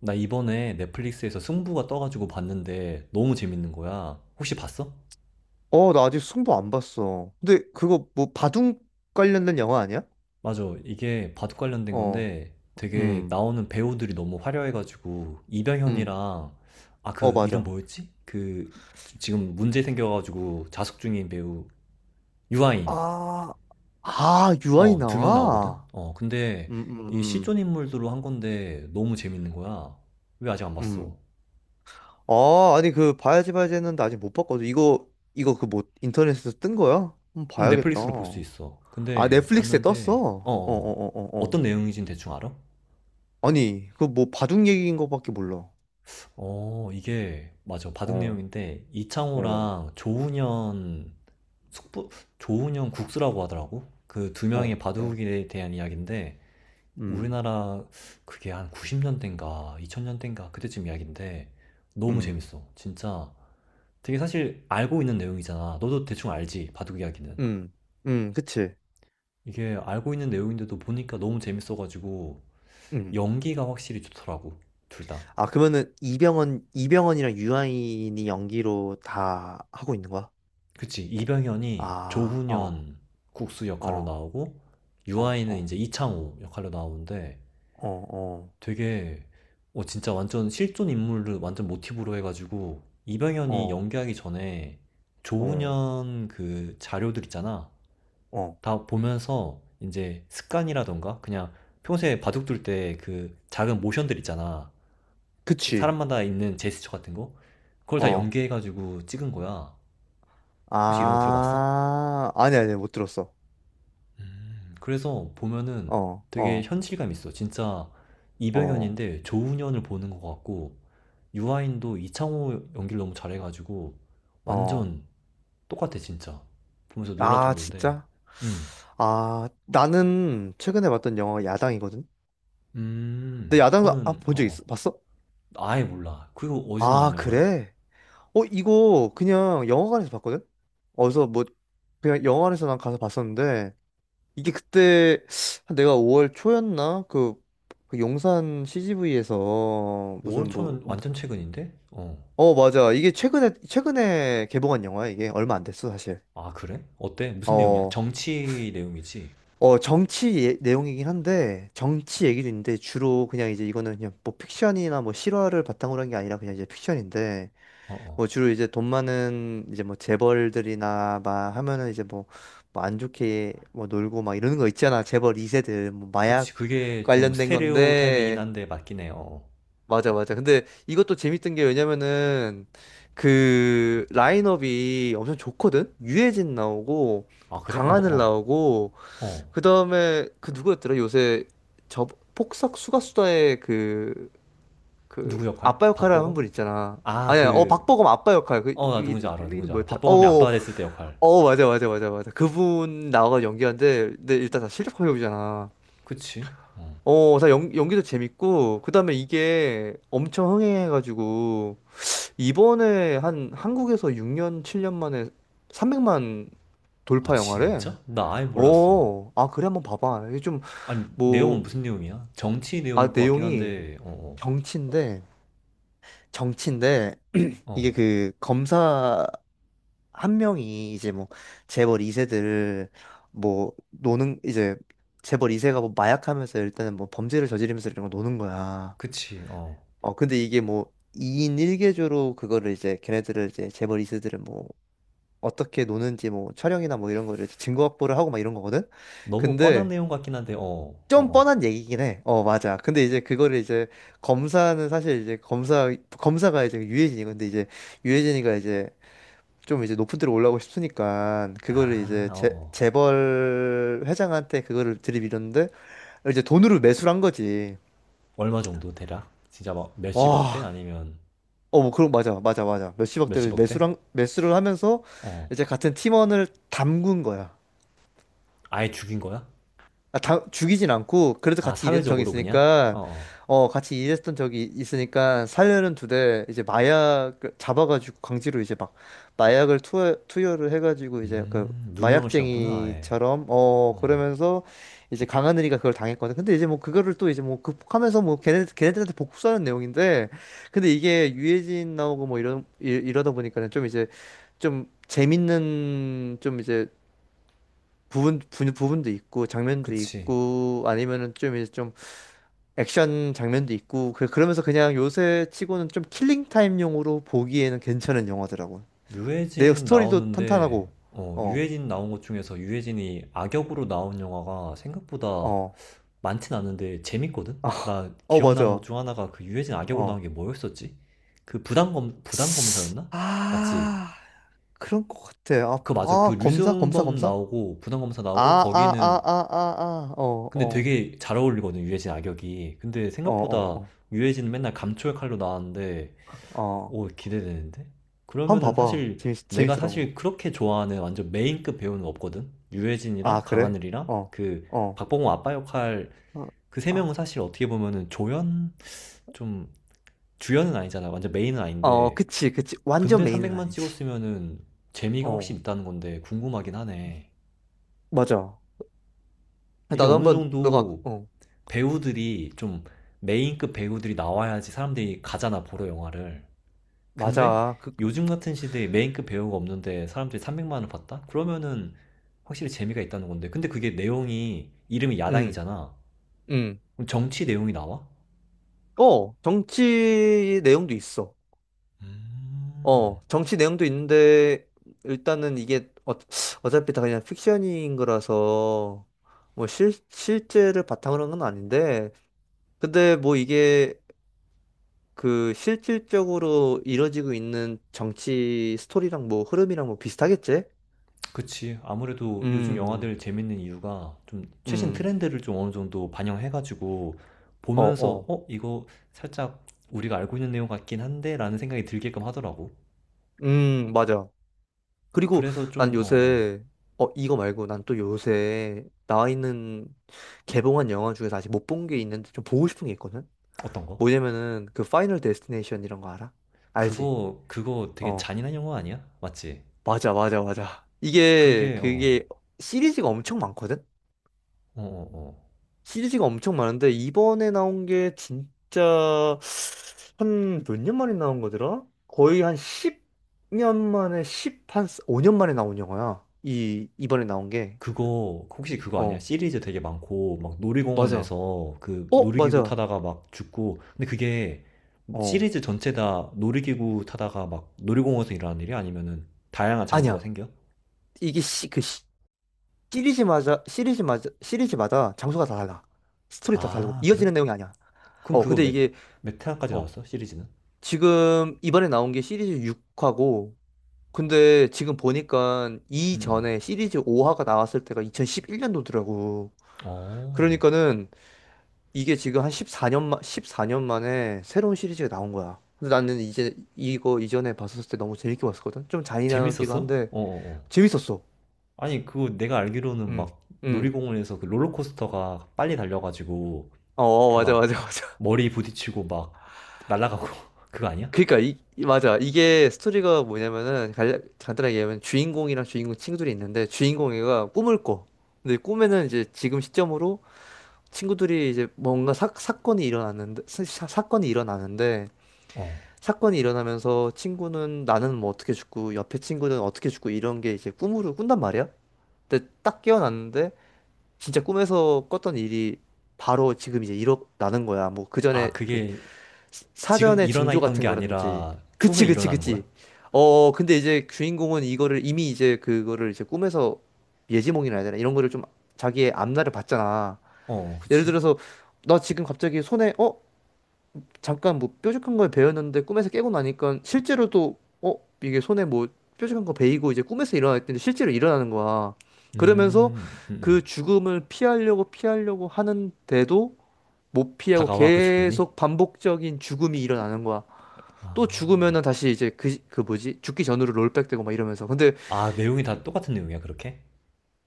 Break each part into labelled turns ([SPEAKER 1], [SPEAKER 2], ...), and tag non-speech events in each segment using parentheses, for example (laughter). [SPEAKER 1] 나 이번에 넷플릭스에서 승부가 떠가지고 봤는데 너무 재밌는 거야. 혹시 봤어?
[SPEAKER 2] 어, 나 아직 승부 안 봤어. 근데 그거 뭐 바둑 관련된 영화 아니야?
[SPEAKER 1] 맞아. 이게 바둑 관련된
[SPEAKER 2] 어,
[SPEAKER 1] 건데 되게
[SPEAKER 2] 음,
[SPEAKER 1] 나오는 배우들이 너무 화려해가지고
[SPEAKER 2] 음,
[SPEAKER 1] 이병현이랑, 아,
[SPEAKER 2] 어,
[SPEAKER 1] 그 이름
[SPEAKER 2] 맞아.
[SPEAKER 1] 뭐였지? 그 지금 문제 생겨가지고 자숙 중인 배우 유아인.
[SPEAKER 2] 아, 아, 유아이
[SPEAKER 1] 어, 두 명 나오거든?
[SPEAKER 2] 나와?
[SPEAKER 1] 어, 근데
[SPEAKER 2] 음,
[SPEAKER 1] 이
[SPEAKER 2] 음,
[SPEAKER 1] 실존 인물들로 한 건데 너무 재밌는 거야. 왜 아직 안
[SPEAKER 2] 음,
[SPEAKER 1] 봤어?
[SPEAKER 2] 음. 아, 아니 그 봐야지 봐야지 했는데 아직 못 봤거든. 이거 그 뭐 인터넷에서 뜬 거야? 한번 봐야겠다.
[SPEAKER 1] 넷플릭스로 볼 수 있어.
[SPEAKER 2] 아,
[SPEAKER 1] 근데
[SPEAKER 2] 넷플릭스에 떴어.
[SPEAKER 1] 봤는데 어,
[SPEAKER 2] 어, 어,
[SPEAKER 1] 어. 어.
[SPEAKER 2] 어, 어, 어.
[SPEAKER 1] 어떤 내용이진 대충 알아?
[SPEAKER 2] 아니, 그 뭐 바둑 얘기인 거밖에 몰라.
[SPEAKER 1] 어, 이게, 맞아. 바둑
[SPEAKER 2] 어,
[SPEAKER 1] 내용인데,
[SPEAKER 2] 어,
[SPEAKER 1] 이창호랑 조훈현, 숙부, 조훈현 국수라고 하더라고. 그 두 명의
[SPEAKER 2] 어, 어.
[SPEAKER 1] 바둑에 대한 이야기인데,
[SPEAKER 2] 음,
[SPEAKER 1] 우리나라 그게 한 90년대인가, 2000년대인가, 그때쯤 이야기인데, 너무
[SPEAKER 2] 음,
[SPEAKER 1] 재밌어. 진짜. 되게 사실 알고 있는 내용이잖아. 너도 대충 알지, 바둑 이야기는.
[SPEAKER 2] 음, 그치.
[SPEAKER 1] 이게 알고 있는 내용인데도 보니까 너무 재밌어가지고,
[SPEAKER 2] 음.
[SPEAKER 1] 연기가 확실히 좋더라고. 둘 다.
[SPEAKER 2] 아, 그러면은 이병헌이랑 유아인이 연기로 다 하고 있는 거야?
[SPEAKER 1] 그치. 이병현이
[SPEAKER 2] 아, 어,
[SPEAKER 1] 조훈현 국수 역할로
[SPEAKER 2] 어,
[SPEAKER 1] 나오고,
[SPEAKER 2] 어,
[SPEAKER 1] 유아인은
[SPEAKER 2] 어,
[SPEAKER 1] 이제 이창호 역할로 나오는데,
[SPEAKER 2] 어, 어,
[SPEAKER 1] 되게, 어, 진짜 완전 실존 인물을 완전 모티브로 해가지고, 이병현이
[SPEAKER 2] 어,
[SPEAKER 1] 연기하기 전에
[SPEAKER 2] 어,
[SPEAKER 1] 조훈현 그 자료들 있잖아.
[SPEAKER 2] 어.
[SPEAKER 1] 다 보면서 이제 습관이라던가, 그냥 평소에 바둑둘 때 그 작은 모션들 있잖아. 그
[SPEAKER 2] 그치.
[SPEAKER 1] 사람마다 있는 제스처 같은 거? 그걸 다
[SPEAKER 2] 어.
[SPEAKER 1] 연기해가지고 찍은 거야. 혹시 이런 거 들어봤어?
[SPEAKER 2] 아, 아니, 아니, 못 들었어.
[SPEAKER 1] 음. 그래서 보면은
[SPEAKER 2] 어,
[SPEAKER 1] 되게
[SPEAKER 2] 어,
[SPEAKER 1] 현실감 있어. 진짜
[SPEAKER 2] 어,
[SPEAKER 1] 이병헌인데 조훈현을 보는 것 같고 유아인도 이창호 연기를 너무 잘해가지고
[SPEAKER 2] 어.
[SPEAKER 1] 완전 똑같아 진짜. 보면서 놀랄
[SPEAKER 2] 아,
[SPEAKER 1] 정도인데.
[SPEAKER 2] 진짜?
[SPEAKER 1] 음.
[SPEAKER 2] 아, 나는 최근에 봤던 영화가 야당이거든? 근데
[SPEAKER 1] 음.
[SPEAKER 2] 야당, 아,
[SPEAKER 1] 그거는
[SPEAKER 2] 본 적
[SPEAKER 1] 어
[SPEAKER 2] 있어? 봤어?
[SPEAKER 1] 어. 아예 몰라. 그리고 어디서 나온
[SPEAKER 2] 아,
[SPEAKER 1] 영화야?
[SPEAKER 2] 그래? 어, 이거 그냥 영화관에서 봤거든? 어디서 뭐, 그냥 영화관에서 난 가서 봤었는데, 이게 그때, 한 내가 5월 초였나? 그 용산 CGV에서
[SPEAKER 1] 5월
[SPEAKER 2] 무슨 뭐,
[SPEAKER 1] 초면 완전 최근인데? 어.
[SPEAKER 2] 어, 맞아. 이게 최근에 개봉한 영화야, 이게. 얼마 안 됐어, 사실.
[SPEAKER 1] 아 그래? 어때? 무슨 내용이야?
[SPEAKER 2] 어,
[SPEAKER 1] 정치 내용이지?
[SPEAKER 2] 어, 정치 내용이긴 한데, 정치 얘기도 있는데, 주로 그냥 이제 이거는 그냥 뭐 픽션이나 뭐 실화를 바탕으로 한 게 아니라 그냥 이제 픽션인데,
[SPEAKER 1] 어
[SPEAKER 2] 뭐
[SPEAKER 1] 어.
[SPEAKER 2] 주로 이제 돈 많은 이제 뭐 재벌들이나 막 하면은 이제 뭐 안 좋게 뭐 놀고 막 이러는 거 있잖아. 재벌 2세들 뭐 마약
[SPEAKER 1] 그치, 그게 좀
[SPEAKER 2] 관련된
[SPEAKER 1] 스테레오 타입이긴
[SPEAKER 2] 건데
[SPEAKER 1] 한데 맞긴 해요. 어.
[SPEAKER 2] 맞아 맞아. 근데 이것도 재밌던 게 왜냐면은 그 라인업이 엄청 좋거든. 유해진 나오고
[SPEAKER 1] 어. 아 그래? 어
[SPEAKER 2] 강하늘
[SPEAKER 1] 어.
[SPEAKER 2] 나오고
[SPEAKER 1] 어.
[SPEAKER 2] 그다음에 그 누구였더라? 요새 저 폭싹 수가수다의 그
[SPEAKER 1] 누구 역할?
[SPEAKER 2] 아빠 역할 하는
[SPEAKER 1] 박보검?
[SPEAKER 2] 분 있잖아.
[SPEAKER 1] 아,
[SPEAKER 2] 아니야, 어
[SPEAKER 1] 그,
[SPEAKER 2] 박보검 아빠 역할 그
[SPEAKER 1] 어, 나 누군지 알아,
[SPEAKER 2] 배우 이름
[SPEAKER 1] 누군지 알아.
[SPEAKER 2] 뭐였더라? 어,
[SPEAKER 1] 박보검이
[SPEAKER 2] 어,
[SPEAKER 1] 아빠가 됐을 때 역할.
[SPEAKER 2] 어 어, 맞아 맞아 맞아 맞아. 그분 나와가 연기한데, 근데 일단 다 실력 배우잖아.
[SPEAKER 1] 그치? 어.
[SPEAKER 2] 어, 다 연기도 재밌고, 그다음에 이게 엄청 흥행해가지고 이번에 한 한국에서 6년 7년 만에 300만
[SPEAKER 1] 아,
[SPEAKER 2] 돌파 영화래.
[SPEAKER 1] 진짜? 나 아예 몰랐어.
[SPEAKER 2] 어, 아 그래 한번 봐봐. 이게 좀
[SPEAKER 1] 아니, 내용은
[SPEAKER 2] 뭐,
[SPEAKER 1] 무슨 내용이야? 정치
[SPEAKER 2] 아
[SPEAKER 1] 내용일 것 같긴
[SPEAKER 2] 내용이
[SPEAKER 1] 한데, 어,
[SPEAKER 2] 정치인데 정치인데
[SPEAKER 1] 어,
[SPEAKER 2] 이게
[SPEAKER 1] 어.
[SPEAKER 2] 그 검사 한 명이 이제 뭐 재벌 2세들 뭐 노는 이제 재벌 2세가 뭐 마약하면서 일단은 뭐 범죄를 저지르면서 이런 거 노는 거야.
[SPEAKER 1] 그치, 어.
[SPEAKER 2] 어 근데 이게 뭐 2인 1개조로 그거를 이제 걔네들을 이제 재벌 2세들은 뭐 어떻게 노는지 뭐 촬영이나 뭐 이런 거를 증거 확보를 하고 막 이런 거거든.
[SPEAKER 1] 너무 뻔한
[SPEAKER 2] 근데
[SPEAKER 1] 내용 같긴 한데, 어, 어,
[SPEAKER 2] 좀
[SPEAKER 1] 어.
[SPEAKER 2] 뻔한 얘기긴 해. 어 맞아. 근데 이제 그거를 이제 검사는 사실 이제 검사가 이제 유해진이 근데 이제 유해진이가 이제 좀 이제 높은 데로 올라오고 싶으니까 그거를
[SPEAKER 1] 아,
[SPEAKER 2] 이제
[SPEAKER 1] 어,
[SPEAKER 2] 재,
[SPEAKER 1] 어.
[SPEAKER 2] 재벌 회장한테 그거를 들이밀었는데 이제 돈으로 매수를 한 거지.
[SPEAKER 1] 얼마 정도 대략? 진짜 막 몇십억 대?
[SPEAKER 2] 와,
[SPEAKER 1] 아니면
[SPEAKER 2] 어, 뭐 그런 맞아, 맞아, 맞아. 몇십억대를
[SPEAKER 1] 몇십억 대?
[SPEAKER 2] 매수를 하면서
[SPEAKER 1] 어.
[SPEAKER 2] 이제 같은 팀원을 담근 거야.
[SPEAKER 1] 아예 죽인 거야?
[SPEAKER 2] 아, 다 죽이진 않고 그래도
[SPEAKER 1] 아,
[SPEAKER 2] 같이 일했던 적이
[SPEAKER 1] 사회적으로 그냥?
[SPEAKER 2] 있으니까
[SPEAKER 1] 어, 어.
[SPEAKER 2] 살려는 두대 이제 마약 잡아가지고 강제로 이제 막 마약을 투여를 해가지고 이제 그
[SPEAKER 1] 누명을 씌웠구나, 아예.
[SPEAKER 2] 마약쟁이처럼 어
[SPEAKER 1] 어.
[SPEAKER 2] 그러면서 이제 강하늘이가 그걸 당했거든. 근데 이제 뭐 그거를 또 이제 뭐 극복하면서 뭐 걔네들한테 복수하는 내용인데 근데 이게 유해진 나오고 뭐 이런 이러다 보니까는 좀 이제 좀 재밌는 좀 이제 부분도 있고 장면도
[SPEAKER 1] 그치.
[SPEAKER 2] 있고 아니면은 좀 이제 좀 액션 장면도 있고 그러면서 그냥 요새 치고는 좀 킬링 타임용으로 보기에는 괜찮은 영화더라고. 내역
[SPEAKER 1] 유해진
[SPEAKER 2] 스토리도 탄탄하고
[SPEAKER 1] 나오는데, 어,
[SPEAKER 2] 어,
[SPEAKER 1] 유해진 나온 것 중에서 유해진이 악역으로 나온 영화가 생각보다
[SPEAKER 2] 어,
[SPEAKER 1] 많진 않은데 재밌거든?
[SPEAKER 2] 아,
[SPEAKER 1] 나
[SPEAKER 2] 어
[SPEAKER 1] 기억나는 것
[SPEAKER 2] 맞아.
[SPEAKER 1] 중 하나가 그 유해진 악역으로 나온
[SPEAKER 2] 어.
[SPEAKER 1] 게 뭐였었지? 그 부당검사였나? 맞지?
[SPEAKER 2] 아, 그런 것 같아. 아,
[SPEAKER 1] 그거 맞아. 그
[SPEAKER 2] 아, 검사 검사
[SPEAKER 1] 류승범
[SPEAKER 2] 검사?
[SPEAKER 1] 나오고 부당검사
[SPEAKER 2] 아,
[SPEAKER 1] 나오고
[SPEAKER 2] 아,
[SPEAKER 1] 거기는
[SPEAKER 2] 아, 아, 아, 아. 어,
[SPEAKER 1] 근데
[SPEAKER 2] 어.
[SPEAKER 1] 되게 잘 어울리거든, 유해진 악역이. 근데
[SPEAKER 2] 어,
[SPEAKER 1] 생각보다
[SPEAKER 2] 어,
[SPEAKER 1] 유해진은 맨날 감초의 칼로 나왔는데
[SPEAKER 2] 어. 어.
[SPEAKER 1] 오, 기대되는데?
[SPEAKER 2] 한번
[SPEAKER 1] 그러면은
[SPEAKER 2] 봐봐.
[SPEAKER 1] 사실
[SPEAKER 2] 재밌
[SPEAKER 1] 내가
[SPEAKER 2] 재밌더라고.
[SPEAKER 1] 사실 그렇게 좋아하는 완전 메인급 배우는 없거든? 유해진이랑
[SPEAKER 2] 아, 그래?
[SPEAKER 1] 강하늘이랑
[SPEAKER 2] 어.
[SPEAKER 1] 그
[SPEAKER 2] 어.
[SPEAKER 1] 박보검 아빠 역할
[SPEAKER 2] 어.
[SPEAKER 1] 그 세 명은
[SPEAKER 2] 아.
[SPEAKER 1] 사실 어떻게 보면은 조연? 좀 주연은 아니잖아. 완전 메인은
[SPEAKER 2] 어,
[SPEAKER 1] 아닌데.
[SPEAKER 2] 그치, 그치. 완전
[SPEAKER 1] 근데
[SPEAKER 2] 메인은
[SPEAKER 1] 300만
[SPEAKER 2] 아니지.
[SPEAKER 1] 찍었으면은 재미가 혹시
[SPEAKER 2] 어,
[SPEAKER 1] 있다는 건데 궁금하긴 하네.
[SPEAKER 2] 맞아.
[SPEAKER 1] 이게
[SPEAKER 2] 나도
[SPEAKER 1] 어느
[SPEAKER 2] 한번, 너가,
[SPEAKER 1] 정도
[SPEAKER 2] 어,
[SPEAKER 1] 배우들이 좀 메인급 배우들이 나와야지 사람들이 가잖아, 보러 영화를. 근데
[SPEAKER 2] 맞아. 그,
[SPEAKER 1] 요즘 같은 시대에 메인급 배우가 없는데 사람들이 300만 원을 받다? 그러면은 확실히 재미가 있다는 건데. 근데 그게 내용이 이름이
[SPEAKER 2] 음,
[SPEAKER 1] 야당이잖아.
[SPEAKER 2] 음.
[SPEAKER 1] 그럼 정치 내용이 나와?
[SPEAKER 2] 어, 정치 내용도 있어.
[SPEAKER 1] 음,
[SPEAKER 2] 어, 정치 내용도 있는데, 일단은 이게, 어, 어차피 다 그냥 픽션인 거라서, 뭐, 실제를 바탕으로 한 건 아닌데, 근데 뭐 이게, 그, 실질적으로 이뤄지고 있는 정치 스토리랑 뭐, 흐름이랑 뭐 비슷하겠지?
[SPEAKER 1] 그치. 아무래도 요즘
[SPEAKER 2] 음,
[SPEAKER 1] 영화들 재밌는 이유가 좀 최신
[SPEAKER 2] 음.
[SPEAKER 1] 트렌드를 좀 어느 정도 반영해가지고
[SPEAKER 2] 어,
[SPEAKER 1] 보면서
[SPEAKER 2] 어.
[SPEAKER 1] 어, 이거 살짝 우리가 알고 있는 내용 같긴 한데 라는 생각이 들게끔 하더라고.
[SPEAKER 2] 맞아. 그리고
[SPEAKER 1] 그래서
[SPEAKER 2] 난
[SPEAKER 1] 좀, 어, 어.
[SPEAKER 2] 요새, 어, 이거 말고 난 또 요새 나와 있는 개봉한 영화 중에서 아직 못 본 게 있는데 좀 보고 싶은 게 있거든?
[SPEAKER 1] 어떤 거?
[SPEAKER 2] 뭐냐면은 그 파이널 데스티네이션 이런 거 알아? 알지?
[SPEAKER 1] 그거, 그거 되게
[SPEAKER 2] 어,
[SPEAKER 1] 잔인한 영화 아니야? 맞지?
[SPEAKER 2] 맞아, 맞아, 맞아. 이게,
[SPEAKER 1] 그게, 어.
[SPEAKER 2] 그게 시리즈가 엄청 많거든?
[SPEAKER 1] 어, 어, 어.
[SPEAKER 2] 시리즈가 엄청 많은데 이번에 나온 게 진짜 한 몇 년 만에 나온 거더라? 거의 한 10년 만에 한 5년 만에 나온 영화야. 이번에 나온 게.
[SPEAKER 1] 그거, 혹시 그거 아니야?
[SPEAKER 2] 어,
[SPEAKER 1] 시리즈 되게 많고, 막
[SPEAKER 2] 맞아.
[SPEAKER 1] 놀이공원에서 그
[SPEAKER 2] 어,
[SPEAKER 1] 놀이기구
[SPEAKER 2] 맞아.
[SPEAKER 1] 타다가 막 죽고, 근데 그게
[SPEAKER 2] 어,
[SPEAKER 1] 시리즈 전체 다 놀이기구 타다가 막 놀이공원에서 일어나는 일이 아니면은 다양한 장소가
[SPEAKER 2] 아니야.
[SPEAKER 1] 생겨?
[SPEAKER 2] 이게 시, 그 시, 시리즈마다, 시리즈마다, 시리즈마다 장소가 다 달라. 스토리 다 다르고,
[SPEAKER 1] 아, 그래?
[SPEAKER 2] 이어지는 내용이 아니야.
[SPEAKER 1] 그럼
[SPEAKER 2] 어,
[SPEAKER 1] 그거
[SPEAKER 2] 근데 이게,
[SPEAKER 1] 몇 회까지
[SPEAKER 2] 어,
[SPEAKER 1] 나왔어? 시리즈는?
[SPEAKER 2] 지금 이번에 나온 게 시리즈 6화고, 근데 지금 보니까
[SPEAKER 1] 음, 음.
[SPEAKER 2] 이전에 시리즈 5화가 나왔을 때가 2011년도더라고.
[SPEAKER 1] 어,
[SPEAKER 2] 그러니까는 이게 지금 한 14년만 14년 만에 새로운 시리즈가 나온 거야. 근데 나는 이제 이거 이전에 봤었을 때 너무 재밌게 봤었거든? 좀 잔인하기도
[SPEAKER 1] 재밌었어? 어,
[SPEAKER 2] 한데,
[SPEAKER 1] 어, 어.
[SPEAKER 2] 재밌었어.
[SPEAKER 1] 아니, 그거 내가 알기로는
[SPEAKER 2] 음,
[SPEAKER 1] 막
[SPEAKER 2] 음.
[SPEAKER 1] 놀이공원에서 그 롤러코스터가 빨리 달려가지고
[SPEAKER 2] 어,
[SPEAKER 1] 그
[SPEAKER 2] 맞아,
[SPEAKER 1] 막
[SPEAKER 2] 맞아, 맞아. (laughs)
[SPEAKER 1] 머리 부딪히고 막 날아가고 (laughs) 그거 아니야?
[SPEAKER 2] 그러니까 맞아. 이게 스토리가 뭐냐면은 간단하게 얘기하면 주인공이랑 주인공 친구들이 있는데 주인공이가 꿈을 꿔. 근데 꿈에는 이제 지금 시점으로 친구들이 이제 뭔가 사건이 일어났는데 사건이 일어나는데
[SPEAKER 1] 어.
[SPEAKER 2] 사건이 일어나면서 친구는 나는 뭐 어떻게 죽고 옆에 친구는 어떻게 죽고 이런 게 이제 꿈으로 꾼단 말이야. 근데 딱 깨어났는데 진짜 꿈에서 꿨던 일이 바로 지금 이제 일어나는 거야. 뭐 그
[SPEAKER 1] 아,
[SPEAKER 2] 전에 그
[SPEAKER 1] 그게 지금
[SPEAKER 2] 사전에
[SPEAKER 1] 일어나
[SPEAKER 2] 징조
[SPEAKER 1] 있던
[SPEAKER 2] 같은
[SPEAKER 1] 게
[SPEAKER 2] 거라든지.
[SPEAKER 1] 아니라 추후에
[SPEAKER 2] 그치, 그치,
[SPEAKER 1] 일어나는
[SPEAKER 2] 그치.
[SPEAKER 1] 거야?
[SPEAKER 2] 어, 근데 이제 주인공은 이거를 이미 이제 그거를 이제 꿈에서 예지몽이라 해야 되나? 이런 거를 좀 자기의 앞날을 봤잖아.
[SPEAKER 1] 어,
[SPEAKER 2] 예를
[SPEAKER 1] 그치.
[SPEAKER 2] 들어서 나 지금 갑자기 손에 어? 잠깐 뭐 뾰족한 걸 베었는데 꿈에서 깨고 나니까 실제로도 어? 이게 손에 뭐 뾰족한 거 베이고 이제 꿈에서 일어났는데 실제로 일어나는 거야. 그러면서
[SPEAKER 1] 음, 음, 음.
[SPEAKER 2] 그 죽음을 피하려고 피하려고 하는데도 못 피하고
[SPEAKER 1] 다가와 그 죽음이?
[SPEAKER 2] 계속 반복적인 죽음이 일어나는 거야. 또
[SPEAKER 1] 아.
[SPEAKER 2] 죽으면은 다시 이제 그 뭐지? 죽기 전으로 롤백되고 막 이러면서. 근데,
[SPEAKER 1] 아, 내용이 다 똑같은 내용이야, 그렇게?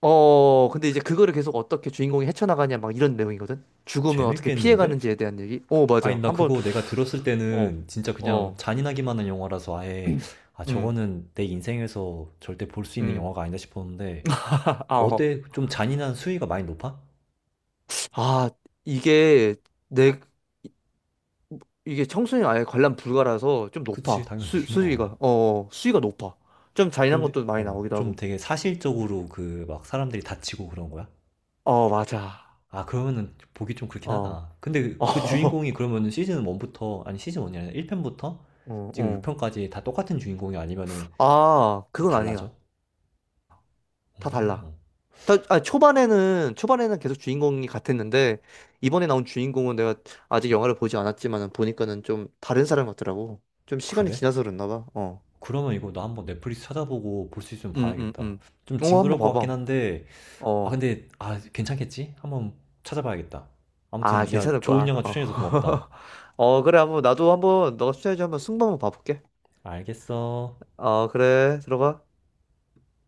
[SPEAKER 2] 어, 근데 이제 그거를 계속 어떻게 주인공이 헤쳐나가냐 막 이런 내용이거든? 죽음을 어떻게
[SPEAKER 1] 재밌겠는데?
[SPEAKER 2] 피해가는지에 대한 얘기? 어,
[SPEAKER 1] 아니,
[SPEAKER 2] 맞아.
[SPEAKER 1] 나
[SPEAKER 2] 한번,
[SPEAKER 1] 그거 내가 들었을
[SPEAKER 2] 어,
[SPEAKER 1] 때는 진짜 그냥
[SPEAKER 2] 어,
[SPEAKER 1] 잔인하기만 한 영화라서 아예, 아,
[SPEAKER 2] 음,
[SPEAKER 1] 저거는 내 인생에서 절대 볼 수 있는
[SPEAKER 2] 음.
[SPEAKER 1] 영화가 아니다 싶었는데,
[SPEAKER 2] 아, 어.
[SPEAKER 1] 어때? 좀 잔인한 수위가 많이 높아?
[SPEAKER 2] 아, 이게 내, 이게 청소년 아예 관람 불가라서 좀
[SPEAKER 1] 그치,
[SPEAKER 2] 높아.
[SPEAKER 1] 당연히.
[SPEAKER 2] 수,
[SPEAKER 1] (laughs) 어.
[SPEAKER 2] 수위가, 어, 어, 수위가 높아. 좀 잔인한
[SPEAKER 1] 근데
[SPEAKER 2] 것도 많이
[SPEAKER 1] 어
[SPEAKER 2] 나오기도
[SPEAKER 1] 좀
[SPEAKER 2] 하고.
[SPEAKER 1] 되게 사실적으로 그 막 사람들이 다치고 그런 거야?
[SPEAKER 2] 어, 맞아.
[SPEAKER 1] 아 그러면은 보기 좀 그렇긴
[SPEAKER 2] 어,
[SPEAKER 1] 하다. 근데 그
[SPEAKER 2] (laughs)
[SPEAKER 1] 주인공이 그러면은 시즌 1부터 아니 시즌 1이 아니라 1편부터
[SPEAKER 2] 어, 어,
[SPEAKER 1] 지금
[SPEAKER 2] 어.
[SPEAKER 1] 6편까지 다 똑같은 주인공이 아니면은
[SPEAKER 2] 아,
[SPEAKER 1] 다
[SPEAKER 2] 그건 아니야.
[SPEAKER 1] 달라져?
[SPEAKER 2] 다 달라.
[SPEAKER 1] 어
[SPEAKER 2] 아, 초반에는 계속 주인공이 같았는데 이번에 나온 주인공은 내가 아직 영화를 보지 않았지만 보니까는 좀 다른 사람 같더라고. 좀 시간이
[SPEAKER 1] 그래?
[SPEAKER 2] 지나서 그랬나 봐. 어.
[SPEAKER 1] 그러면 이거 나 한번 넷플릭스 찾아보고 볼 수 있으면
[SPEAKER 2] 음, 음,
[SPEAKER 1] 봐야겠다.
[SPEAKER 2] 음.
[SPEAKER 1] 좀
[SPEAKER 2] 어, 한번
[SPEAKER 1] 징그러울 것 같긴
[SPEAKER 2] 봐봐.
[SPEAKER 1] 한데 아
[SPEAKER 2] 어.
[SPEAKER 1] 근데 아 괜찮겠지? 한번 찾아봐야겠다.
[SPEAKER 2] 아,
[SPEAKER 1] 아무튼 야
[SPEAKER 2] 괜찮을
[SPEAKER 1] 좋은
[SPEAKER 2] 거야.
[SPEAKER 1] 영화
[SPEAKER 2] 어.
[SPEAKER 1] 추천해서 고맙다.
[SPEAKER 2] (laughs) 어, 그래. 한번 나도 한번 너가 추천해줘 한번 승부 한번 봐볼게.
[SPEAKER 1] 알겠어.
[SPEAKER 2] 어, 그래. 들어가.